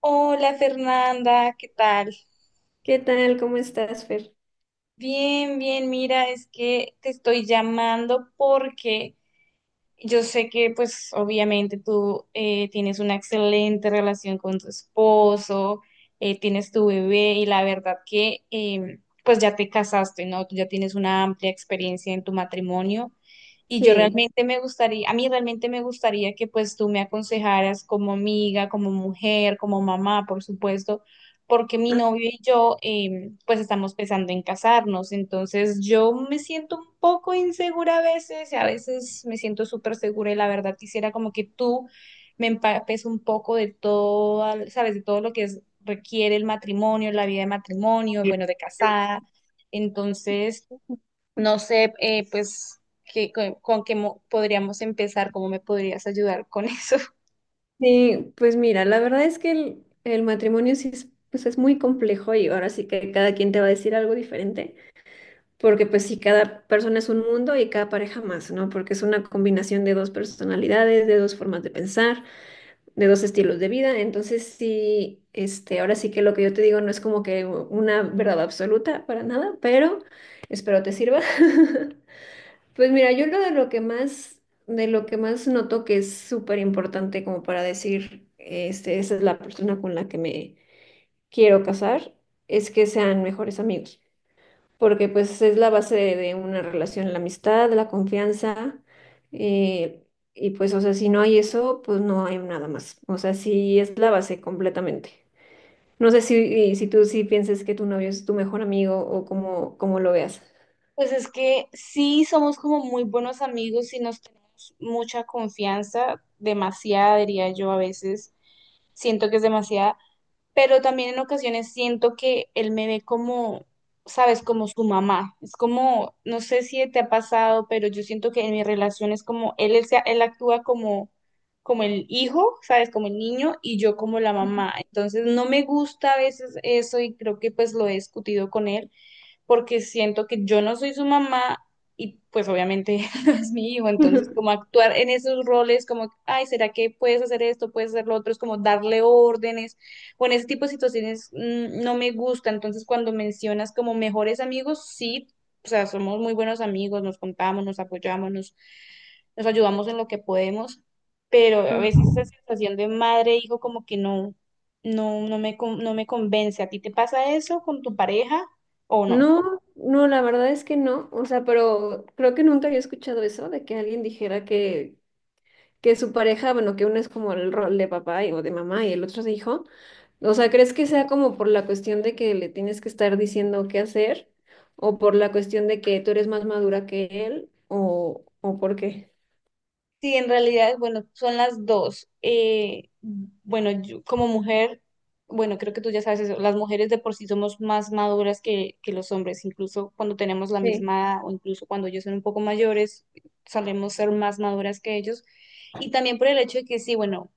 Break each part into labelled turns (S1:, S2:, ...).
S1: Hola Fernanda, ¿qué tal?
S2: ¿Qué tal? ¿Cómo estás, Fer?
S1: Bien, bien, mira, es que te estoy llamando porque yo sé que pues obviamente tú tienes una excelente relación con tu esposo, tienes tu bebé y la verdad que pues ya te casaste, ¿no? Tú ya tienes una amplia experiencia en tu matrimonio y yo
S2: Sí.
S1: realmente me gustaría, a mí realmente me gustaría que pues tú me aconsejaras como amiga, como mujer, como mamá, por supuesto porque mi
S2: Ah.
S1: novio y yo pues estamos pensando en casarnos, entonces yo me siento un poco insegura a veces, y a veces me siento súper segura y la verdad quisiera como que tú me empapes un poco de todo, sabes, de todo requiere el matrimonio, la vida de matrimonio, bueno, de casada, entonces no sé, pues, con podríamos empezar, cómo me podrías ayudar con eso.
S2: Sí, pues mira, la verdad es que el matrimonio sí es, pues es muy complejo y ahora sí que cada quien te va a decir algo diferente, porque pues sí, cada persona es un mundo y cada pareja más, ¿no? Porque es una combinación de dos personalidades, de dos formas de pensar, de dos estilos de vida, entonces sí, este, ahora sí que lo que yo te digo no es como que una verdad absoluta para nada, pero espero te sirva. Pues mira, yo lo de lo que más, de lo que más noto que es súper importante como para decir, este, esa es la persona con la que me quiero casar, es que sean mejores amigos, porque pues es la base de una relación, la amistad, la confianza, eh, y pues, o sea, si no hay eso, pues no hay nada más, o sea, sí es la base completamente. No sé si tú sí pienses que tu novio es tu mejor amigo o cómo, cómo lo veas.
S1: Pues es que sí somos como muy buenos amigos y nos tenemos mucha confianza, demasiada diría yo a veces, siento que es demasiada, pero también en ocasiones siento que él me ve como, sabes, como su mamá. Es como, no sé si te ha pasado, pero yo siento que en mi relación es como, él actúa como, como el hijo, sabes, como el niño y yo como la mamá. Entonces no me gusta a veces eso y creo que pues lo he discutido con él porque siento que yo no soy su mamá y pues obviamente no es mi hijo, entonces como actuar en esos roles como, ay, ¿será que puedes hacer esto, puedes hacer lo otro? Es como darle órdenes o en ese tipo de situaciones no me gusta, entonces cuando mencionas como mejores amigos, sí, o sea, somos muy buenos amigos, nos contamos, nos apoyamos, nos ayudamos en lo que podemos, pero a
S2: Ajá.
S1: veces esa sensación de madre e hijo como que no, no me convence. ¿A ti te pasa eso con tu pareja o no?
S2: No, no, la verdad es que no. O sea, pero creo que nunca había escuchado eso de que alguien dijera que su pareja, bueno, que uno es como el rol de papá y- o de mamá y el otro es de hijo. O sea, ¿crees que sea como por la cuestión de que le tienes que estar diciendo qué hacer? ¿O por la cuestión de que tú eres más madura que él? O por qué?
S1: Sí, en realidad, bueno, son las dos. Bueno, yo como mujer, bueno, creo que tú ya sabes eso, las mujeres de por sí somos más maduras que los hombres, incluso cuando tenemos la
S2: Sí.
S1: misma edad o incluso cuando ellos son un poco mayores, solemos ser más maduras que ellos. Y también por el hecho de que sí, bueno,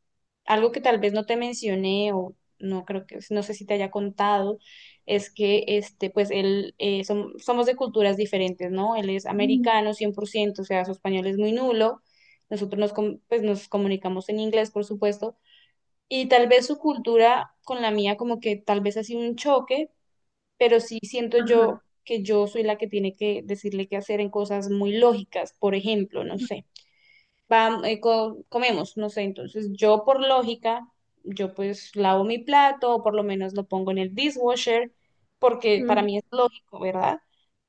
S1: algo que tal vez no te mencioné o no creo que, no sé si te haya contado, es que este, pues él, somos de culturas diferentes, ¿no? Él es
S2: Mm.
S1: americano 100%, o sea, su español es muy nulo nosotros pues, nos comunicamos en inglés, por supuesto, y tal vez su cultura con la mía como que tal vez ha sido un choque, pero sí siento
S2: Ajá.
S1: yo que yo soy la que tiene que decirle qué hacer en cosas muy lógicas, por ejemplo, no sé comemos, no sé, entonces yo por lógica, yo pues lavo mi plato o por lo menos lo pongo en el dishwasher, porque para
S2: Ujú.
S1: mí es lógico, ¿verdad?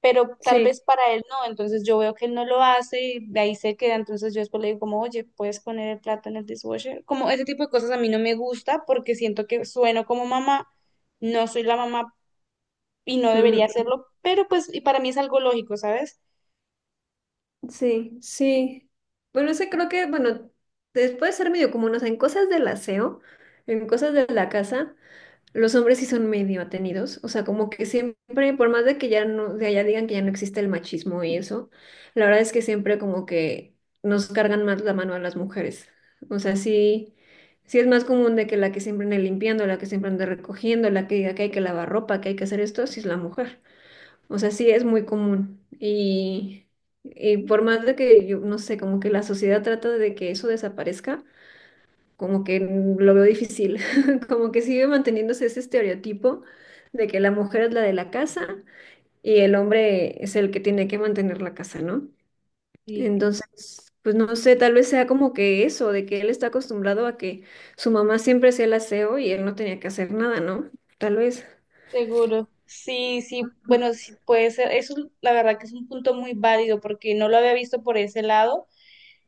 S1: Pero tal
S2: Sí.
S1: vez para él no, entonces yo veo que él no lo hace y de ahí se queda, entonces yo después le digo como, oye, ¿puedes poner el plato en el dishwasher? Como ese tipo de cosas a mí no me gusta porque siento que sueno como mamá, no soy la mamá y no debería
S2: Mm.
S1: hacerlo, pero pues y para mí es algo lógico, ¿sabes?
S2: Sí, sí. Bueno, ese creo que, bueno, después de ser medio común, o sea, en cosas del aseo, en cosas de la casa, los hombres sí son medio atenidos, o sea, como que siempre, por más de que ya no, de allá digan que ya no existe el machismo y eso, la verdad es que siempre como que nos cargan más la mano a las mujeres. O sea, sí, sí es más común de que la que siempre ande limpiando, la que siempre ande recogiendo, la que diga que hay que lavar ropa, que hay que hacer esto, sí es la mujer. O sea, sí es muy común. Y por más de que yo, no sé, como que la sociedad trata de que eso desaparezca, como que mm, lo veo difícil. Como que sigue manteniéndose ese estereotipo de que la mujer es la de la casa y el hombre es el que tiene que mantener la casa, ¿no?
S1: Sí.
S2: Entonces, pues no sé, tal vez sea como que eso, de que él está acostumbrado a que su mamá siempre hacía el aseo y él no tenía que hacer nada, ¿no? Tal vez.
S1: Seguro. Sí, sí, bueno, sí puede ser. Eso la verdad que es un punto muy válido porque no lo había visto por ese lado.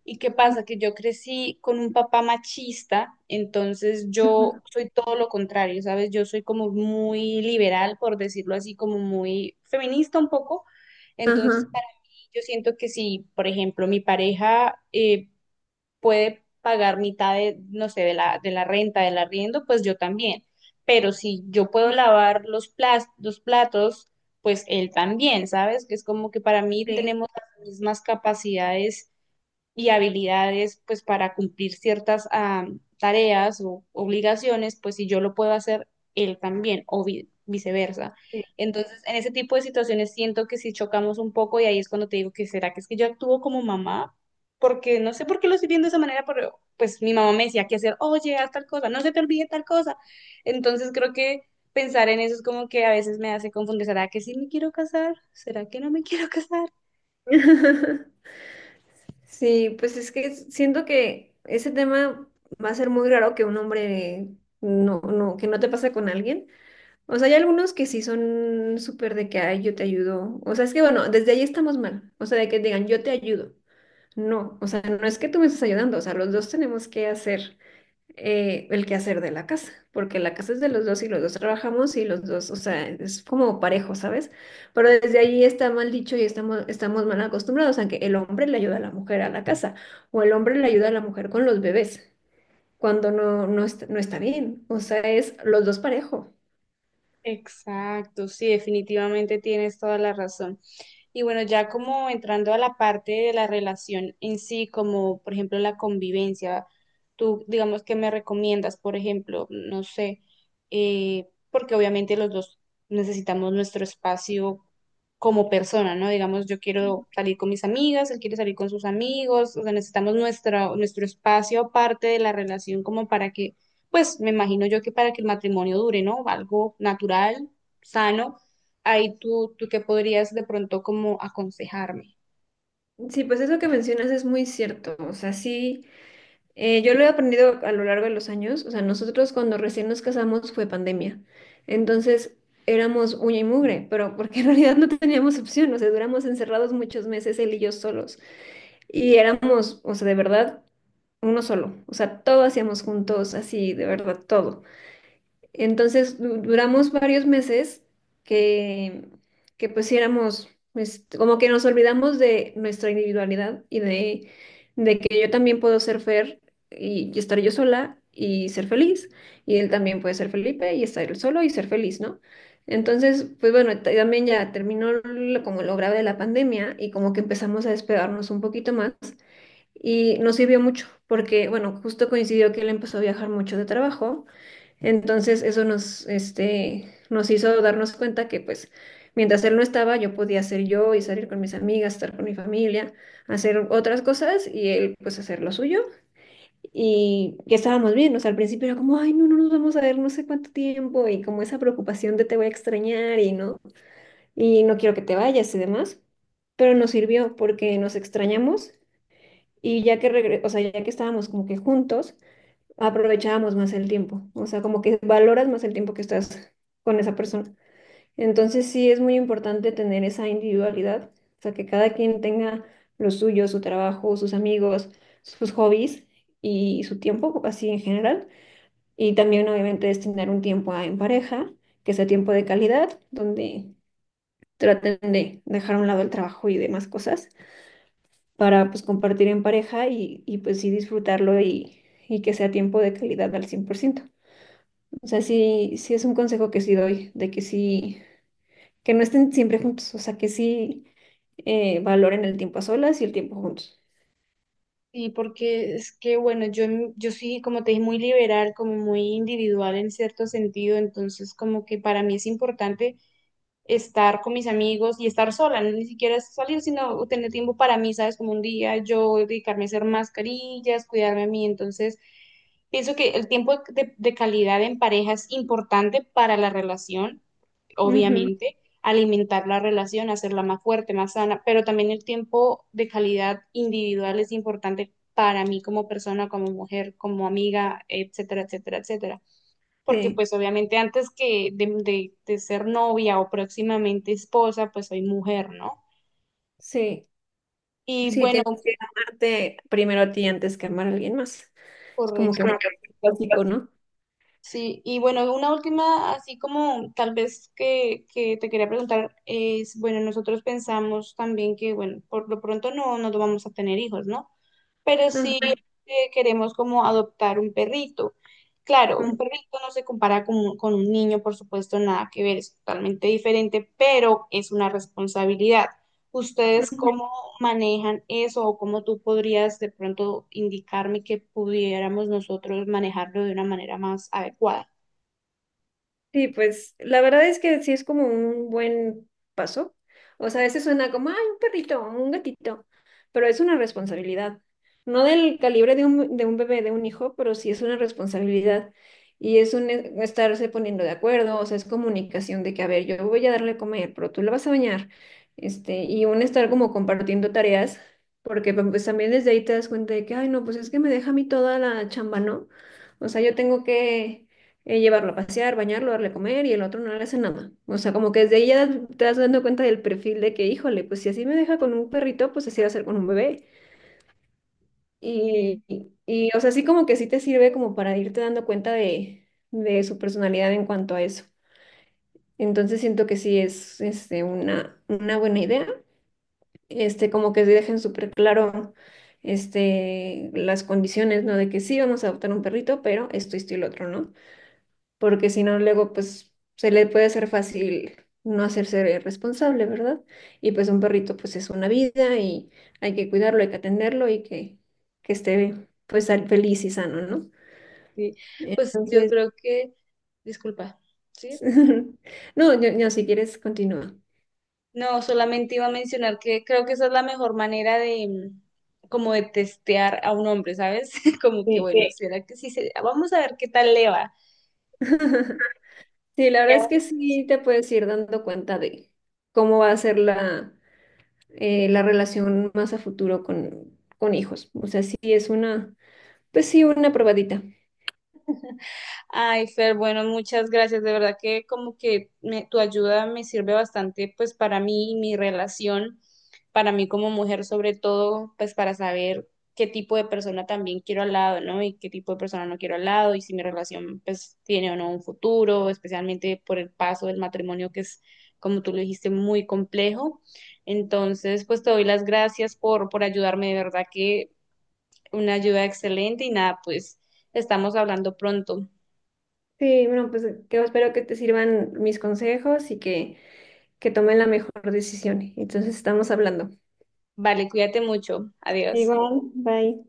S1: ¿Y qué pasa? Que yo crecí con un papá machista, entonces yo
S2: Ujú.
S1: soy todo lo contrario, ¿sabes? Yo soy como muy liberal, por decirlo así, como muy feminista un poco. Entonces,
S2: Ajá.
S1: para mí, yo siento que si, por ejemplo, mi pareja puede pagar mitad de, no sé, de la renta, del arriendo, pues yo también. Pero si yo puedo lavar los platos, pues él también, ¿sabes? Que es como que para mí
S2: Sí.
S1: tenemos las mismas capacidades y habilidades pues para cumplir ciertas tareas o obligaciones, pues si yo lo puedo hacer, él también, o viceversa. Entonces, en ese tipo de situaciones siento que si chocamos un poco y ahí es cuando te digo que será que es que yo actúo como mamá, porque no sé por qué lo estoy viendo de esa manera, pero pues mi mamá me decía que hacer, oye, haz tal cosa, no se te olvide tal cosa. Entonces creo que pensar en eso es como que a veces me hace confundir, ¿será que sí me quiero casar? ¿Será que no me quiero casar?
S2: Sí, pues es que siento que ese tema va a ser muy raro que un hombre no, no, que no te pasa con alguien. O sea, hay algunos que sí son súper de que, ay, yo te ayudo. O sea, es que bueno, desde ahí estamos mal. O sea, de que digan, yo te ayudo. No, o sea, no es que tú me estás ayudando. O sea, los dos tenemos que hacer el quehacer de la casa, porque la casa es de los dos y los dos trabajamos y los dos, o sea, es como parejo, ¿sabes? Pero desde allí está mal dicho y estamos mal acostumbrados a que el hombre le ayuda a la mujer a la casa o el hombre le ayuda a la mujer con los bebés, cuando no, no está, no está bien, o sea, es los dos parejo.
S1: Exacto, sí, definitivamente tienes toda la razón. Y bueno, ya como entrando a la parte de la relación en sí, como por ejemplo la convivencia, tú digamos que me recomiendas, por ejemplo, no sé, porque obviamente los dos necesitamos nuestro espacio como persona, ¿no? Digamos, yo quiero salir con mis amigas, él quiere salir con sus amigos, o sea, necesitamos nuestro espacio aparte de la relación como para que, pues me imagino yo que para que el matrimonio dure, ¿no? Algo natural, sano ahí tú qué podrías de pronto como aconsejarme.
S2: Sí, pues eso que mencionas es muy cierto, o sea, sí. Yo lo he aprendido a lo largo de los años. O sea, nosotros cuando recién nos casamos fue pandemia. Entonces éramos uña y mugre, pero porque en realidad no teníamos opción. O sea, duramos encerrados muchos meses él y yo solos. Y éramos, o sea, de verdad, uno solo. O sea, todo hacíamos juntos, así, de verdad, todo. Entonces duramos varios meses que, que pues sí éramos, pues, como que nos olvidamos de nuestra individualidad y de que yo también puedo ser Fer y estar yo sola y ser feliz. Y él también puede ser Felipe y estar él solo y ser feliz, ¿no? Entonces, pues bueno, también ya terminó como lo grave de la pandemia y como que empezamos a despegarnos un poquito más y nos sirvió mucho porque, bueno, justo coincidió que él empezó a viajar mucho de trabajo. Entonces eso nos, este, nos hizo darnos cuenta que pues mientras él no estaba yo podía ser yo y salir con mis amigas, estar con mi familia, hacer otras cosas y él pues hacer lo suyo y que estábamos bien, o sea, al principio era como, ay, no, no nos vamos a ver no sé cuánto tiempo y como esa preocupación de te voy a extrañar y no quiero que te vayas y demás, pero nos sirvió porque nos extrañamos y ya que o sea, ya que estábamos como que juntos aprovechábamos más el tiempo, o sea, como que valoras más el tiempo que estás con esa persona. Entonces sí es muy importante tener esa individualidad, o sea, que cada quien tenga lo suyo, su trabajo, sus amigos, sus hobbies y su tiempo, así en general. Y también obviamente destinar un tiempo en pareja, que sea tiempo de calidad, donde traten de dejar a un lado el trabajo y demás cosas para pues compartir en pareja y pues sí disfrutarlo y que sea tiempo de calidad al 100%. O sea, sí, sí es un consejo que sí doy, de que sí, que no estén siempre juntos, o sea, que sí valoren el tiempo a solas y el tiempo juntos.
S1: Sí, porque es que, bueno, yo sí, como te dije, muy liberal, como muy individual en cierto sentido, entonces como que para mí es importante estar con mis amigos y estar sola, no ni siquiera es salir, sino tener tiempo para mí, ¿sabes? Como un día yo dedicarme a hacer mascarillas, cuidarme a mí. Entonces, pienso que el tiempo de calidad en pareja es importante para la relación,
S2: Ujú.
S1: obviamente, alimentar la relación, hacerla más fuerte, más sana, pero también el tiempo de calidad individual es importante para mí como persona, como mujer, como amiga, etcétera, etcétera, etcétera porque
S2: Sí,
S1: pues obviamente antes que de ser novia o próximamente esposa, pues soy mujer, ¿no?
S2: sí,
S1: Y
S2: sí,
S1: bueno,
S2: tienes que amarte primero a ti antes que amar a alguien más. Es como que
S1: correcto.
S2: un básico, ¿no?
S1: Sí, y bueno, una última, así como tal vez que te quería preguntar, es, bueno, nosotros pensamos también que, bueno, por lo pronto no, no vamos a tener hijos, ¿no? Pero sí
S2: Ajá.
S1: queremos como adoptar un perrito. Claro, un perrito no se compara con un niño, por supuesto, nada que ver, es totalmente diferente, pero es una responsabilidad. ¿Ustedes
S2: Ujú.
S1: cómo manejan eso o cómo tú podrías de pronto indicarme que pudiéramos nosotros manejarlo de una manera más adecuada?
S2: Sí, pues la verdad es que sí es como un buen paso. O sea, a veces suena como, ay, un perrito, un gatito, pero es una responsabilidad. No del calibre de de un bebé, de un hijo, pero sí es una responsabilidad. Y es un estarse poniendo de acuerdo, o sea, es comunicación de que, a ver, yo voy a darle a comer, pero tú la vas a bañar. Este, y un estar como compartiendo tareas, porque pues, también desde ahí te das cuenta de que, ay, no, pues es que me deja a mí toda la chamba, ¿no? O sea, yo tengo que llevarlo a pasear, bañarlo, darle a comer y el otro no le hace nada. O sea, como que desde ahí ya te vas dando cuenta del perfil de que, híjole, pues si así me deja con un perrito, pues así va a ser con un bebé.
S1: Mm,
S2: Y, o sea, así como que sí te sirve como para irte dando cuenta de su personalidad en cuanto a eso. Entonces siento que sí es este, una buena idea, este, como que sí dejen súper claro este, las condiciones, ¿no? De que sí vamos a adoptar un perrito, pero esto y lo otro, ¿no? Porque si no, luego pues se le puede hacer fácil no hacerse responsable, ¿verdad? Y pues un perrito pues es una vida y hay que cuidarlo, hay que atenderlo y que esté pues feliz y sano, ¿no?
S1: sí. Pues yo
S2: Entonces,
S1: creo que, disculpa, ¿sí?
S2: no, si quieres, continúa.
S1: No, solamente iba a mencionar que creo que esa es la mejor manera de como de testear a un hombre, ¿sabes? Como que
S2: Sí.
S1: bueno, sí, será que sí se... vamos a ver qué tal le va.
S2: Sí, la verdad es que sí te puedes ir dando cuenta de cómo va a ser la, la relación más a futuro con hijos. O sea, sí es una, pues sí, una probadita.
S1: Ay, Fer, bueno, muchas gracias. De verdad que como que tu ayuda me sirve bastante pues para mí y mi relación, para mí como mujer sobre todo, pues para saber qué tipo de persona también quiero al lado, ¿no? Y qué tipo de persona no quiero al lado y si mi relación pues tiene o no un futuro, especialmente por el paso del matrimonio que es, como tú lo dijiste, muy complejo. Entonces, pues te doy las gracias por ayudarme, de verdad que una ayuda excelente y nada, pues estamos hablando pronto.
S2: Sí, bueno, pues que espero que te sirvan mis consejos y que tomen la mejor decisión. Entonces estamos hablando.
S1: Vale, cuídate mucho. Adiós.
S2: Igual, bye.